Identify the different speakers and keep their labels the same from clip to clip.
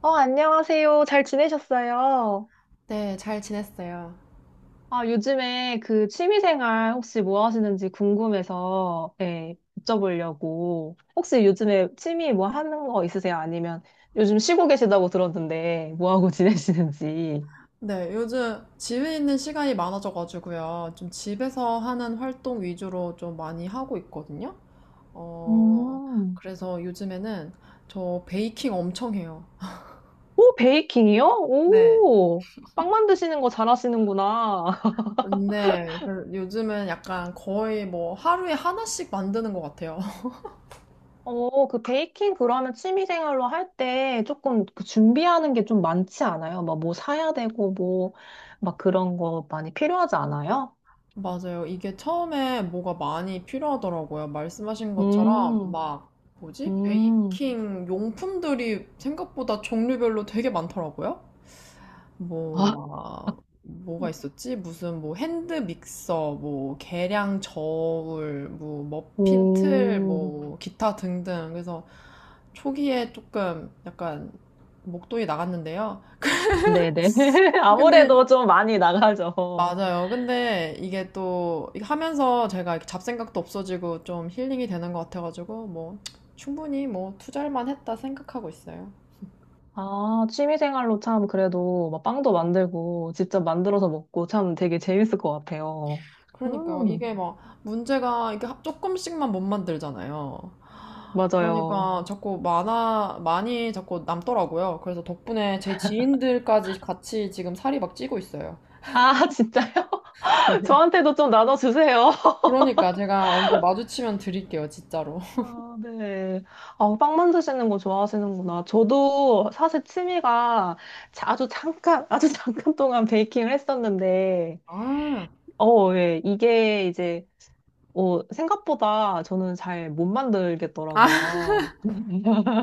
Speaker 1: 어, 안녕하세요. 잘 지내셨어요?
Speaker 2: 네, 잘 지냈어요.
Speaker 1: 아, 요즘에 그 취미생활 혹시 뭐 하시는지 궁금해서, 예, 여쭤보려고. 혹시 요즘에 취미 뭐 하는 거 있으세요? 아니면 요즘 쉬고 계시다고 들었는데, 뭐 하고 지내시는지.
Speaker 2: 네, 요즘 집에 있는 시간이 많아져가지고요. 좀 집에서 하는 활동 위주로 좀 많이 하고 있거든요. 어,
Speaker 1: 음.
Speaker 2: 그래서 요즘에는 저 베이킹 엄청 해요.
Speaker 1: 오, 베이킹이요?
Speaker 2: 네.
Speaker 1: 오, 빵 만드시는 거 잘하시는구나.
Speaker 2: 근데 그 요즘은 약간 거의 뭐 하루에 하나씩 만드는 것 같아요.
Speaker 1: 어, 그 베이킹 그러면 취미생활로 할 때 조금 그 준비하는 게 좀 많지 않아요? 막 뭐 사야 되고 뭐 막 그런 거 많이 필요하지 않아요?
Speaker 2: 맞아요. 이게 처음에 뭐가 많이 필요하더라고요. 말씀하신 것처럼
Speaker 1: 음,
Speaker 2: 막 뭐지?
Speaker 1: 음,
Speaker 2: 베이킹 용품들이 생각보다 종류별로 되게 많더라고요.
Speaker 1: 아,
Speaker 2: 뭐 막 뭐가 있었지? 무슨 뭐 핸드 믹서, 뭐 계량 저울, 뭐 머핀 틀,
Speaker 1: 음,
Speaker 2: 뭐 기타 등등. 그래서 초기에 조금 약간 목돈이 나갔는데요.
Speaker 1: 네네.
Speaker 2: 근데
Speaker 1: 아무래도 좀 많이 나가죠.
Speaker 2: 맞아요. 근데 이게 또 이게 하면서 제가 이렇게 잡생각도 없어지고 좀 힐링이 되는 것 같아가지고 뭐 충분히 뭐 투자할 만했다 생각하고 있어요.
Speaker 1: 아, 취미생활로 참 그래도 막 빵도 만들고 직접 만들어서 먹고 참 되게 재밌을 것 같아요.
Speaker 2: 그러니까
Speaker 1: 음,
Speaker 2: 이게 막 문제가 이게 조금씩만 못 만들잖아요.
Speaker 1: 맞아요.
Speaker 2: 그러니까 자꾸 많아 많이 자꾸 남더라고요. 그래서 덕분에 제 지인들까지 같이 지금 살이 막 찌고 있어요.
Speaker 1: 아, 진짜요? 저한테도 좀 나눠주세요.
Speaker 2: 그러니까 제가 언제 마주치면 드릴게요, 진짜로.
Speaker 1: 아, 네. 아, 빵 만드시는 거 좋아하시는구나. 저도 사실 취미가 아주 잠깐, 아주 잠깐 동안 베이킹을 했었는데,
Speaker 2: 아,
Speaker 1: 어, 예. 이게 이제, 어, 생각보다 저는 잘 못
Speaker 2: 아,
Speaker 1: 만들겠더라고요.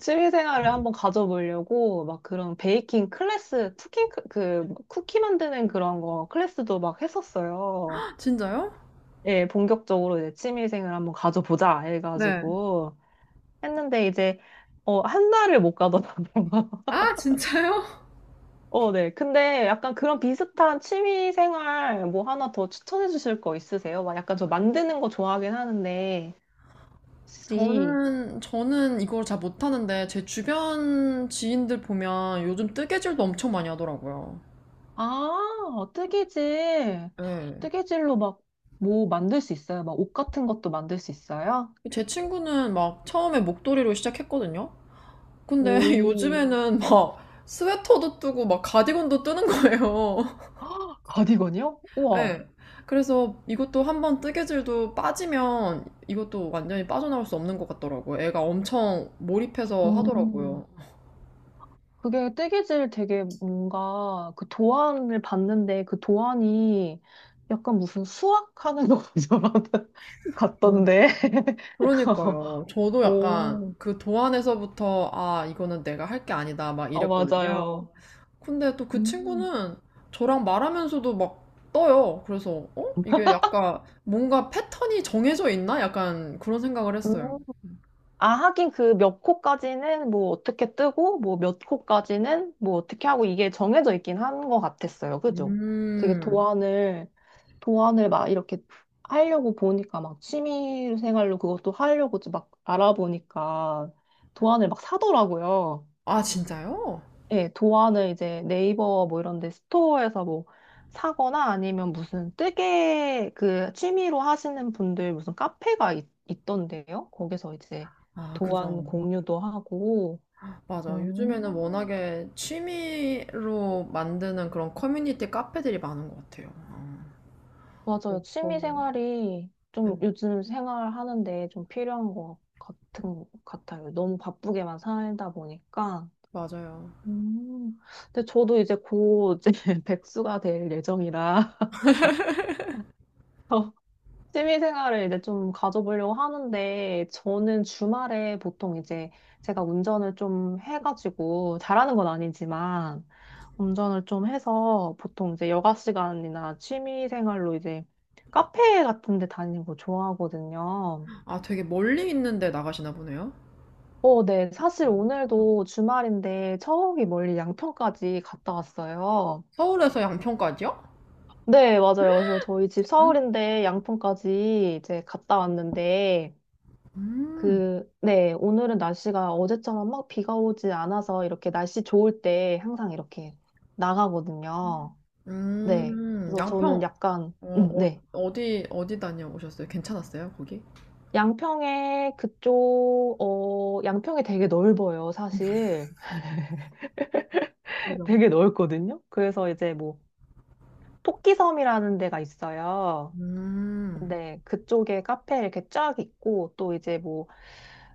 Speaker 1: 취미 생활을 한번 가져보려고 막 그런 베이킹 클래스, 쿠킹, 그, 쿠키 만드는 그런 거 클래스도 막 했었어요.
Speaker 2: 진짜요?
Speaker 1: 예, 본격적으로 이제 취미 생활 한번 가져보자
Speaker 2: 네.
Speaker 1: 해가지고. 했는데 이제 어, 한 달을 못 가더라고요.
Speaker 2: 아, 진짜요?
Speaker 1: 어, 네. 근데 약간 그런 비슷한 취미 생활 뭐 하나 더 추천해 주실 거 있으세요? 막 약간 저 만드는 거 좋아하긴 하는데 혹시
Speaker 2: 저는 이걸 잘 못하는데, 제 주변 지인들 보면 요즘 뜨개질도 엄청 많이 하더라고요.
Speaker 1: 아, 뜨개질.
Speaker 2: 예.
Speaker 1: 뜨개질로 막 뭐 만들 수 있어요? 막 옷 같은 것도 만들 수 있어요?
Speaker 2: 제 친구는 막 처음에 목도리로 시작했거든요? 근데
Speaker 1: 오.
Speaker 2: 요즘에는 막 스웨터도 뜨고 막 가디건도 뜨는 거예요.
Speaker 1: 가디건이요? 우와.
Speaker 2: 예. 그래서 이것도 한번 뜨개질도 빠지면 이것도 완전히 빠져나올 수 없는 것 같더라고요. 애가 엄청 몰입해서 하더라고요.
Speaker 1: 음. 그게 뜨개질 되게 뭔가 그 도안을 봤는데 그 도안이 약간 무슨 수학하는 것처럼 같던데.
Speaker 2: 그러니까요. 저도 약간
Speaker 1: 오,
Speaker 2: 그 도안에서부터 아, 이거는 내가 할 게 아니다 막
Speaker 1: 어,
Speaker 2: 이랬거든요.
Speaker 1: 맞아요.
Speaker 2: 근데 또 그
Speaker 1: 음.
Speaker 2: 친구는 저랑 말하면서도 막 떠요. 그래서 어? 이게 약간 뭔가 패턴이 정해져 있나? 약간 그런 생각을 했어요.
Speaker 1: 아, 하긴 그 몇 코까지는 뭐 어떻게 뜨고, 뭐 몇 코까지는 뭐 어떻게 하고 이게 정해져 있긴 한 것 같았어요. 그죠? 그게
Speaker 2: 음.
Speaker 1: 도안을, 도안을 막 이렇게 하려고 보니까 막 취미 생활로 그것도 하려고 막 알아보니까 도안을 막 사더라고요.
Speaker 2: 아, 진짜요?
Speaker 1: 예, 도안을 이제 네이버 뭐 이런 데 스토어에서 뭐 사거나 아니면 무슨 뜨개 그 취미로 하시는 분들 무슨 카페가 있던데요. 거기서 이제
Speaker 2: 아,
Speaker 1: 도안
Speaker 2: 그죠.
Speaker 1: 공유도 하고.
Speaker 2: 맞아. 요즘에는
Speaker 1: 음,
Speaker 2: 워낙에 취미로 만드는 그런 커뮤니티 카페들이 많은 것 같아요.
Speaker 1: 맞아요. 취미
Speaker 2: 음,
Speaker 1: 생활이 좀
Speaker 2: 음,
Speaker 1: 요즘 생활하는데 좀 필요한 것 같아요. 너무 바쁘게만 살다 보니까.
Speaker 2: 맞아요.
Speaker 1: 음, 근데 저도 이제 곧 이제 백수가 될 예정이라. 취미 생활을 이제 좀 가져보려고 하는데, 저는 주말에 보통 이제 제가 운전을 좀 해가지고, 잘하는 건 아니지만, 운전을 좀 해서 보통 이제 여가 시간이나 취미 생활로 이제 카페 같은 데 다니는 거 좋아하거든요.
Speaker 2: 아, 되게 멀리 있는데 나가시나 보네요.
Speaker 1: 어, 네. 사실 오늘도 주말인데 저기 멀리 양평까지 갔다 왔어요.
Speaker 2: 서울에서 양평까지요?
Speaker 1: 네, 맞아요. 그래서 저희 집
Speaker 2: 응?
Speaker 1: 서울인데 양평까지 이제 갔다 왔는데,
Speaker 2: 음,
Speaker 1: 그, 네, 오늘은 날씨가 어제처럼 막 비가 오지 않아서 이렇게 날씨 좋을 때 항상 이렇게 나가거든요. 네. 그래서
Speaker 2: 양평,
Speaker 1: 저는 약간,
Speaker 2: 어, 어,
Speaker 1: 네.
Speaker 2: 어디, 어디 다녀오셨어요? 괜찮았어요, 거기?
Speaker 1: 양평에 그쪽, 어, 양평이 되게 넓어요, 사실.
Speaker 2: 그죠?
Speaker 1: 되게 넓거든요. 그래서 이제 뭐, 토끼섬이라는 데가 있어요.
Speaker 2: 음,
Speaker 1: 네, 그쪽에 카페 이렇게 쫙 있고, 또 이제 뭐,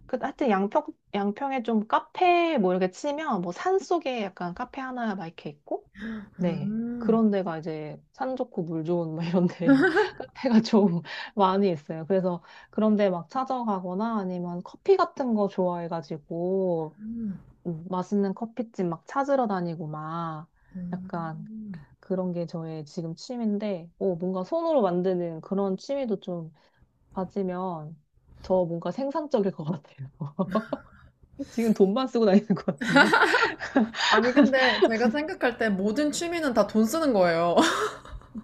Speaker 1: 그, 하여튼 양평, 양평에 좀 카페 뭐 이렇게 치면, 뭐 산 속에 약간 카페 하나 막 이렇게 있고, 네.
Speaker 2: 음,
Speaker 1: 그런 데가 이제 산 좋고 물 좋은 막 이런 데 카페가 좀 많이 있어요. 그래서 그런 데 막 찾아가거나 아니면 커피 같은 거 좋아해가지고,
Speaker 2: 음,
Speaker 1: 맛있는 커피집 막 찾으러 다니고 막, 약간
Speaker 2: 음.
Speaker 1: 그런 게 저의 지금 취미인데, 오, 뭔가 손으로 만드는 그런 취미도 좀 가지면 저 뭔가 생산적일 것 같아요. 지금 돈만 쓰고 다니는 것 같은데.
Speaker 2: 아니, 근데 제가 생각할 때 모든 취미는 다 돈 쓰는 거예요.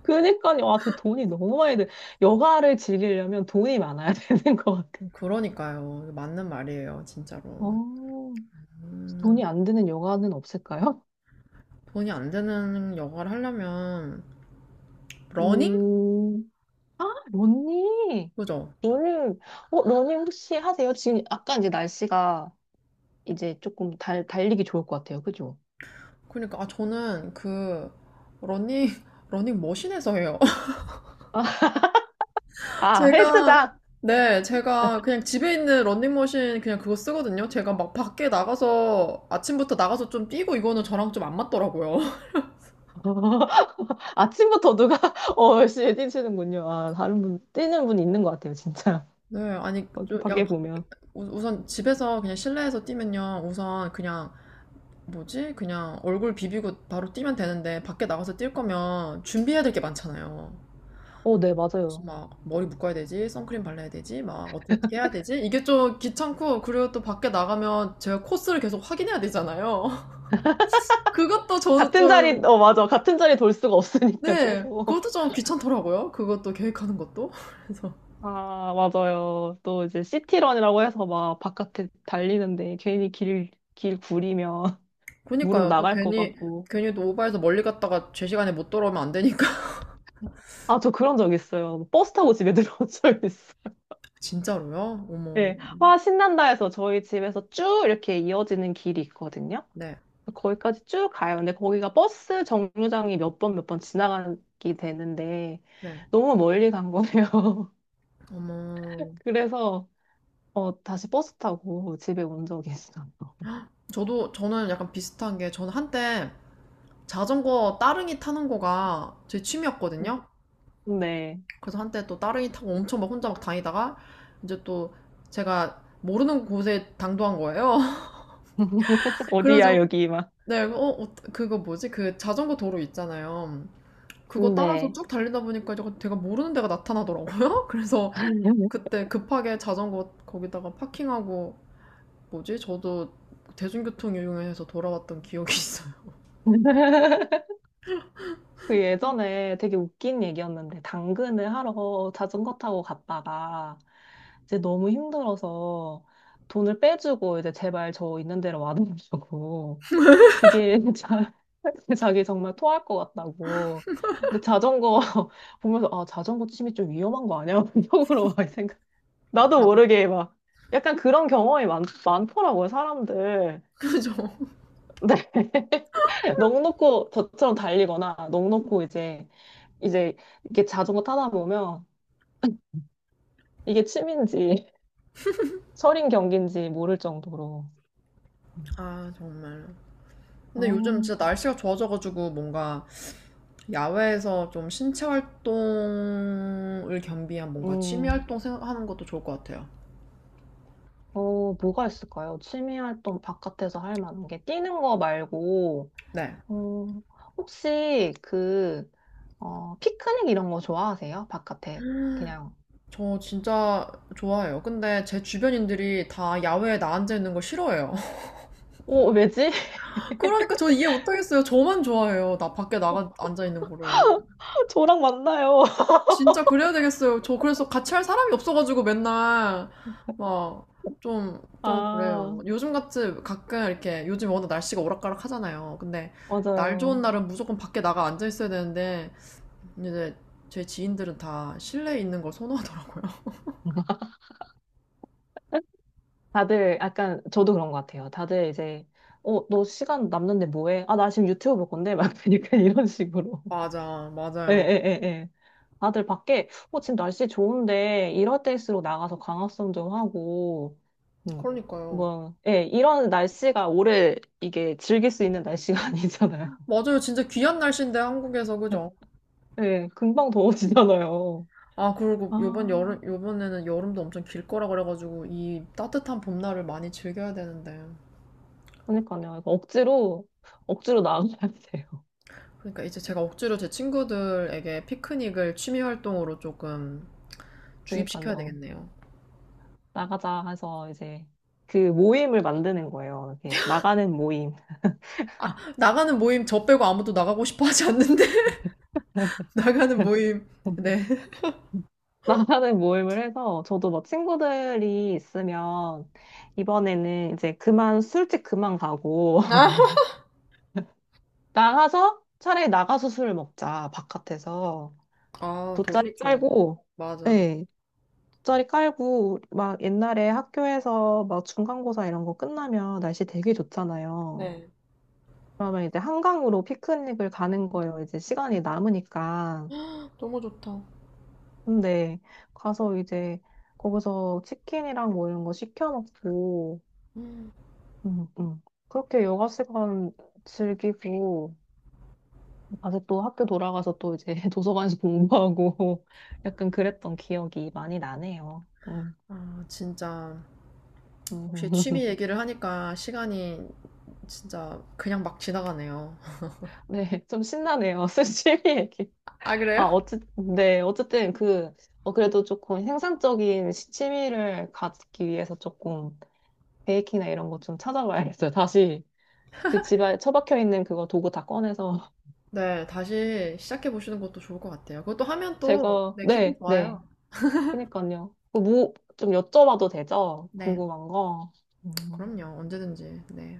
Speaker 1: 그러니까요. 아, 저 돈이 너무 많이 들. 여가를 즐기려면 돈이 많아야 되는 것 같아요.
Speaker 2: 그러니까요. 맞는 말이에요, 진짜로.
Speaker 1: 어,
Speaker 2: 음,
Speaker 1: 돈이 안 드는 여가는 없을까요?
Speaker 2: 돈이 안 되는 영화를 하려면, 러닝?
Speaker 1: 음, 아, 러닝.
Speaker 2: 그죠?
Speaker 1: 러닝. 어, 러닝 혹시 하세요? 지금 약간 이제 날씨가 이제 조금 달리기 좋을 것 같아요. 그죠?
Speaker 2: 그러니까, 아, 저는 그, 러닝, 러닝 머신에서 해요.
Speaker 1: 아,
Speaker 2: 제가,
Speaker 1: 헬스장.
Speaker 2: 네, 제가 그냥 집에 있는 런닝머신 그냥 그거 쓰거든요. 제가 막 밖에 나가서 아침부터 나가서 좀 뛰고 이거는 저랑 좀 안 맞더라고요.
Speaker 1: 아침부터 누가 어 열심히 뛰시는군요. 아 다른 분 뛰는 분이 있는 것 같아요, 진짜.
Speaker 2: 네, 아니,
Speaker 1: 거기
Speaker 2: 좀 약간
Speaker 1: 밖에 보면.
Speaker 2: 우선 집에서 그냥 실내에서 뛰면요. 우선 그냥 뭐지? 그냥 얼굴 비비고 바로 뛰면 되는데 밖에 나가서 뛸 거면 준비해야 될 게 많잖아요.
Speaker 1: 어, 네,
Speaker 2: 무슨
Speaker 1: 맞아요.
Speaker 2: 막 머리 묶어야 되지, 선크림 발라야 되지, 막 어떻게 어떻게 해야 되지? 이게 좀 귀찮고 그리고 또 밖에 나가면 제가 코스를 계속 확인해야 되잖아요. 그것도 저는
Speaker 1: 같은 자리,
Speaker 2: 좀
Speaker 1: 어, 맞아. 같은 자리 돌 수가 없으니까
Speaker 2: 네,
Speaker 1: 계속.
Speaker 2: 그것도 좀 귀찮더라고요. 그것도 계획하는 것도. 그래서
Speaker 1: 아, 맞아요. 또 이제 시티런이라고 해서 막 바깥에 달리는데 괜히 길 구리면 무릎
Speaker 2: 그니까요. 또
Speaker 1: 나갈 것
Speaker 2: 괜히
Speaker 1: 같고.
Speaker 2: 괜히 또 오바해서 멀리 갔다가 제 시간에 못 돌아오면 안 되니까.
Speaker 1: 아, 저 그런 적 있어요. 버스 타고 집에 들어온 적 있어.
Speaker 2: 진짜로요? 어머.
Speaker 1: 예. 와, 신난다 해서 저희 집에서 쭉 이렇게 이어지는 길이 있거든요.
Speaker 2: 네,
Speaker 1: 거기까지 쭉 가요. 근데 거기가 버스 정류장이 몇 번 몇 번 지나가게 되는데
Speaker 2: 네.
Speaker 1: 너무 멀리 간 거네요.
Speaker 2: 어머.
Speaker 1: 그래서 어, 다시 버스 타고 집에 온 적이 있어요.
Speaker 2: 저도 저는 약간 비슷한 게 저는 한때 자전거 따릉이 타는 거가 제 취미였거든요.
Speaker 1: 네.
Speaker 2: 그래서 한때 또 따릉이 타고 엄청 막 혼자 막 다니다가 이제 또 제가 모르는 곳에 당도한 거예요.
Speaker 1: 어디야
Speaker 2: 그래가지고
Speaker 1: 여기 막.
Speaker 2: 네, 그거 뭐지? 그 자전거 도로 있잖아요. 그거 따라서
Speaker 1: 네.
Speaker 2: 쭉 달리다 보니까 제가 모르는 데가 나타나더라고요. 그래서 그때 급하게 자전거 거기다가 파킹하고 뭐지? 저도 대중교통 이용해서 돌아왔던 기억이 있어요.
Speaker 1: 그 예전에 되게 웃긴 얘기였는데 당근을 하러 자전거 타고 갔다가 이제 너무 힘들어서 돈을 빼주고 이제 제발 저 있는 데로 와달라고 그게 자기 정말 토할 것 같다고. 근데 자전거 보면서 아 자전거 취미 좀 위험한 거 아니야? 속으로 막 생각. 나도 모르게 막 약간 그런 경험이 많더라고요 사람들.
Speaker 2: 그죠?
Speaker 1: 네. 넋 놓고 저처럼 달리거나 넋 놓고 이제 이렇게 자전거 타다 보면 이게 취미인지 철인 경기인지 모를 정도로.
Speaker 2: 아, 정말.
Speaker 1: 아,
Speaker 2: 근데 요즘 진짜 날씨가 좋아져가지고 뭔가 야외에서 좀 신체 활동을 겸비한 뭔가 취미
Speaker 1: 음,
Speaker 2: 활동 하는 것도 좋을 것 같아요.
Speaker 1: 어, 뭐가 있을까요? 취미 활동 바깥에서 할 만한 게 뛰는 거 말고
Speaker 2: 네.
Speaker 1: 어, 혹시 그, 어, 피크닉 이런 거 좋아하세요? 바깥에 그냥.
Speaker 2: 저 진짜 좋아해요. 근데 제 주변인들이 다 야외에 나앉아 있는 거 싫어해요.
Speaker 1: 오 왜지?
Speaker 2: 그러니까 저 이해 못하겠어요. 저만 좋아해요. 나 밖에 나가 앉아 있는 거를.
Speaker 1: 저랑 만나요.
Speaker 2: 진짜 그래야 되겠어요. 저 그래서 같이 할 사람이 없어가지고 맨날 막 좀, 좀
Speaker 1: 아,
Speaker 2: 그래요. 요즘 같이 가끔 이렇게 요즘 워낙 날씨가 오락가락 하잖아요. 근데 날 좋은
Speaker 1: 맞아요.
Speaker 2: 날은 무조건 밖에 나가 앉아 있어야 되는데 이제 제 지인들은 다 실내에 있는 걸 선호하더라고요.
Speaker 1: 다들 약간 저도 그런 것 같아요. 다들 이제 어, 너 시간 남는데 뭐 해? 아, 나 지금 유튜브 볼 건데 막 그러니까 이런 식으로.
Speaker 2: 맞아,
Speaker 1: 예,
Speaker 2: 맞아요.
Speaker 1: 예, 예, 예. 다들 밖에 어, 지금 날씨 좋은데 이럴 때일수록 나가서 강화성 좀 하고 음.
Speaker 2: 그러니까요.
Speaker 1: 뭐 예, 이런 날씨가 오래 이게 즐길 수 있는 날씨가 아니잖아요.
Speaker 2: 맞아요. 진짜 귀한 날씨인데 한국에서 그죠?
Speaker 1: 네, 금방 더워지잖아요.
Speaker 2: 아, 그리고 요번
Speaker 1: 아,
Speaker 2: 여름, 요번에는 여름도 엄청 길 거라 그래가지고 이 따뜻한 봄날을 많이 즐겨야 되는데.
Speaker 1: 그러니까요. 이거 억지로, 억지로 나가야 돼요.
Speaker 2: 그러니까 이제 제가 억지로 제 친구들에게 피크닉을 취미 활동으로 조금 주입시켜야
Speaker 1: 그러니까요.
Speaker 2: 되겠네요.
Speaker 1: 나가자 해서 이제 그 모임을 만드는 거예요. 이렇게 나가는 모임.
Speaker 2: 아, 나가는 모임 저 빼고 아무도 나가고 싶어 하지 않는데. 나가는 모임. 네.
Speaker 1: 나가는 모임을 해서 저도 뭐 친구들이 있으면 이번에는 이제 그만 술집 그만 가고
Speaker 2: 아,
Speaker 1: 나가서 차라리 나가서 술을 먹자 바깥에서
Speaker 2: 아, 더
Speaker 1: 돗자리
Speaker 2: 좋죠.
Speaker 1: 깔고
Speaker 2: 맞아.
Speaker 1: 네, 짜리 깔고 막 옛날에 학교에서 막 중간고사 이런 거 끝나면 날씨 되게 좋잖아요.
Speaker 2: 네.
Speaker 1: 그러면 이제 한강으로 피크닉을 가는 거예요. 이제 시간이 남으니까.
Speaker 2: 너무 좋다.
Speaker 1: 근데 가서 이제 거기서 치킨이랑 뭐 이런 거 시켜 먹고
Speaker 2: 음.
Speaker 1: 음, 음. 그렇게 여가 시간 즐기고 다시 또 학교 돌아가서 또 이제 도서관에서 공부하고 약간 그랬던 기억이 많이 나네요. 음.
Speaker 2: 아, 진짜. 혹시
Speaker 1: 음.
Speaker 2: 취미 얘기를 하니까 시간이 진짜 그냥 막 지나가네요.
Speaker 1: 네, 좀 신나네요. 스시미 얘기.
Speaker 2: 아,
Speaker 1: 아,
Speaker 2: 그래요?
Speaker 1: 어쨌든, 네, 어쨌든 그, 어, 그래도 조금 생산적인 시- 취미를 갖기 위해서 조금 베이킹이나 이런 거 좀 찾아봐야겠어요. 다시 그 집에 처박혀 있는 그거 도구 다 꺼내서
Speaker 2: 네, 다시 시작해 보시는 것도 좋을 것 같아요. 그것도 하면 또,
Speaker 1: 제가,
Speaker 2: 네, 기분
Speaker 1: 네, 네.
Speaker 2: 좋아요.
Speaker 1: 그니까요. 그 뭐, 좀 여쭤봐도 되죠?
Speaker 2: 네,
Speaker 1: 궁금한 거. 음,
Speaker 2: 그럼요. 언제든지. 네,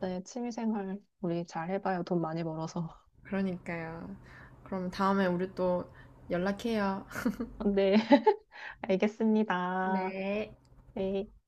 Speaker 1: 네, 취미 생활 우리 잘 해봐요. 돈 많이 벌어서.
Speaker 2: 그러니까요. 그럼 다음에 우리 또 연락해요.
Speaker 1: 네, 알겠습니다.
Speaker 2: 네.
Speaker 1: 네.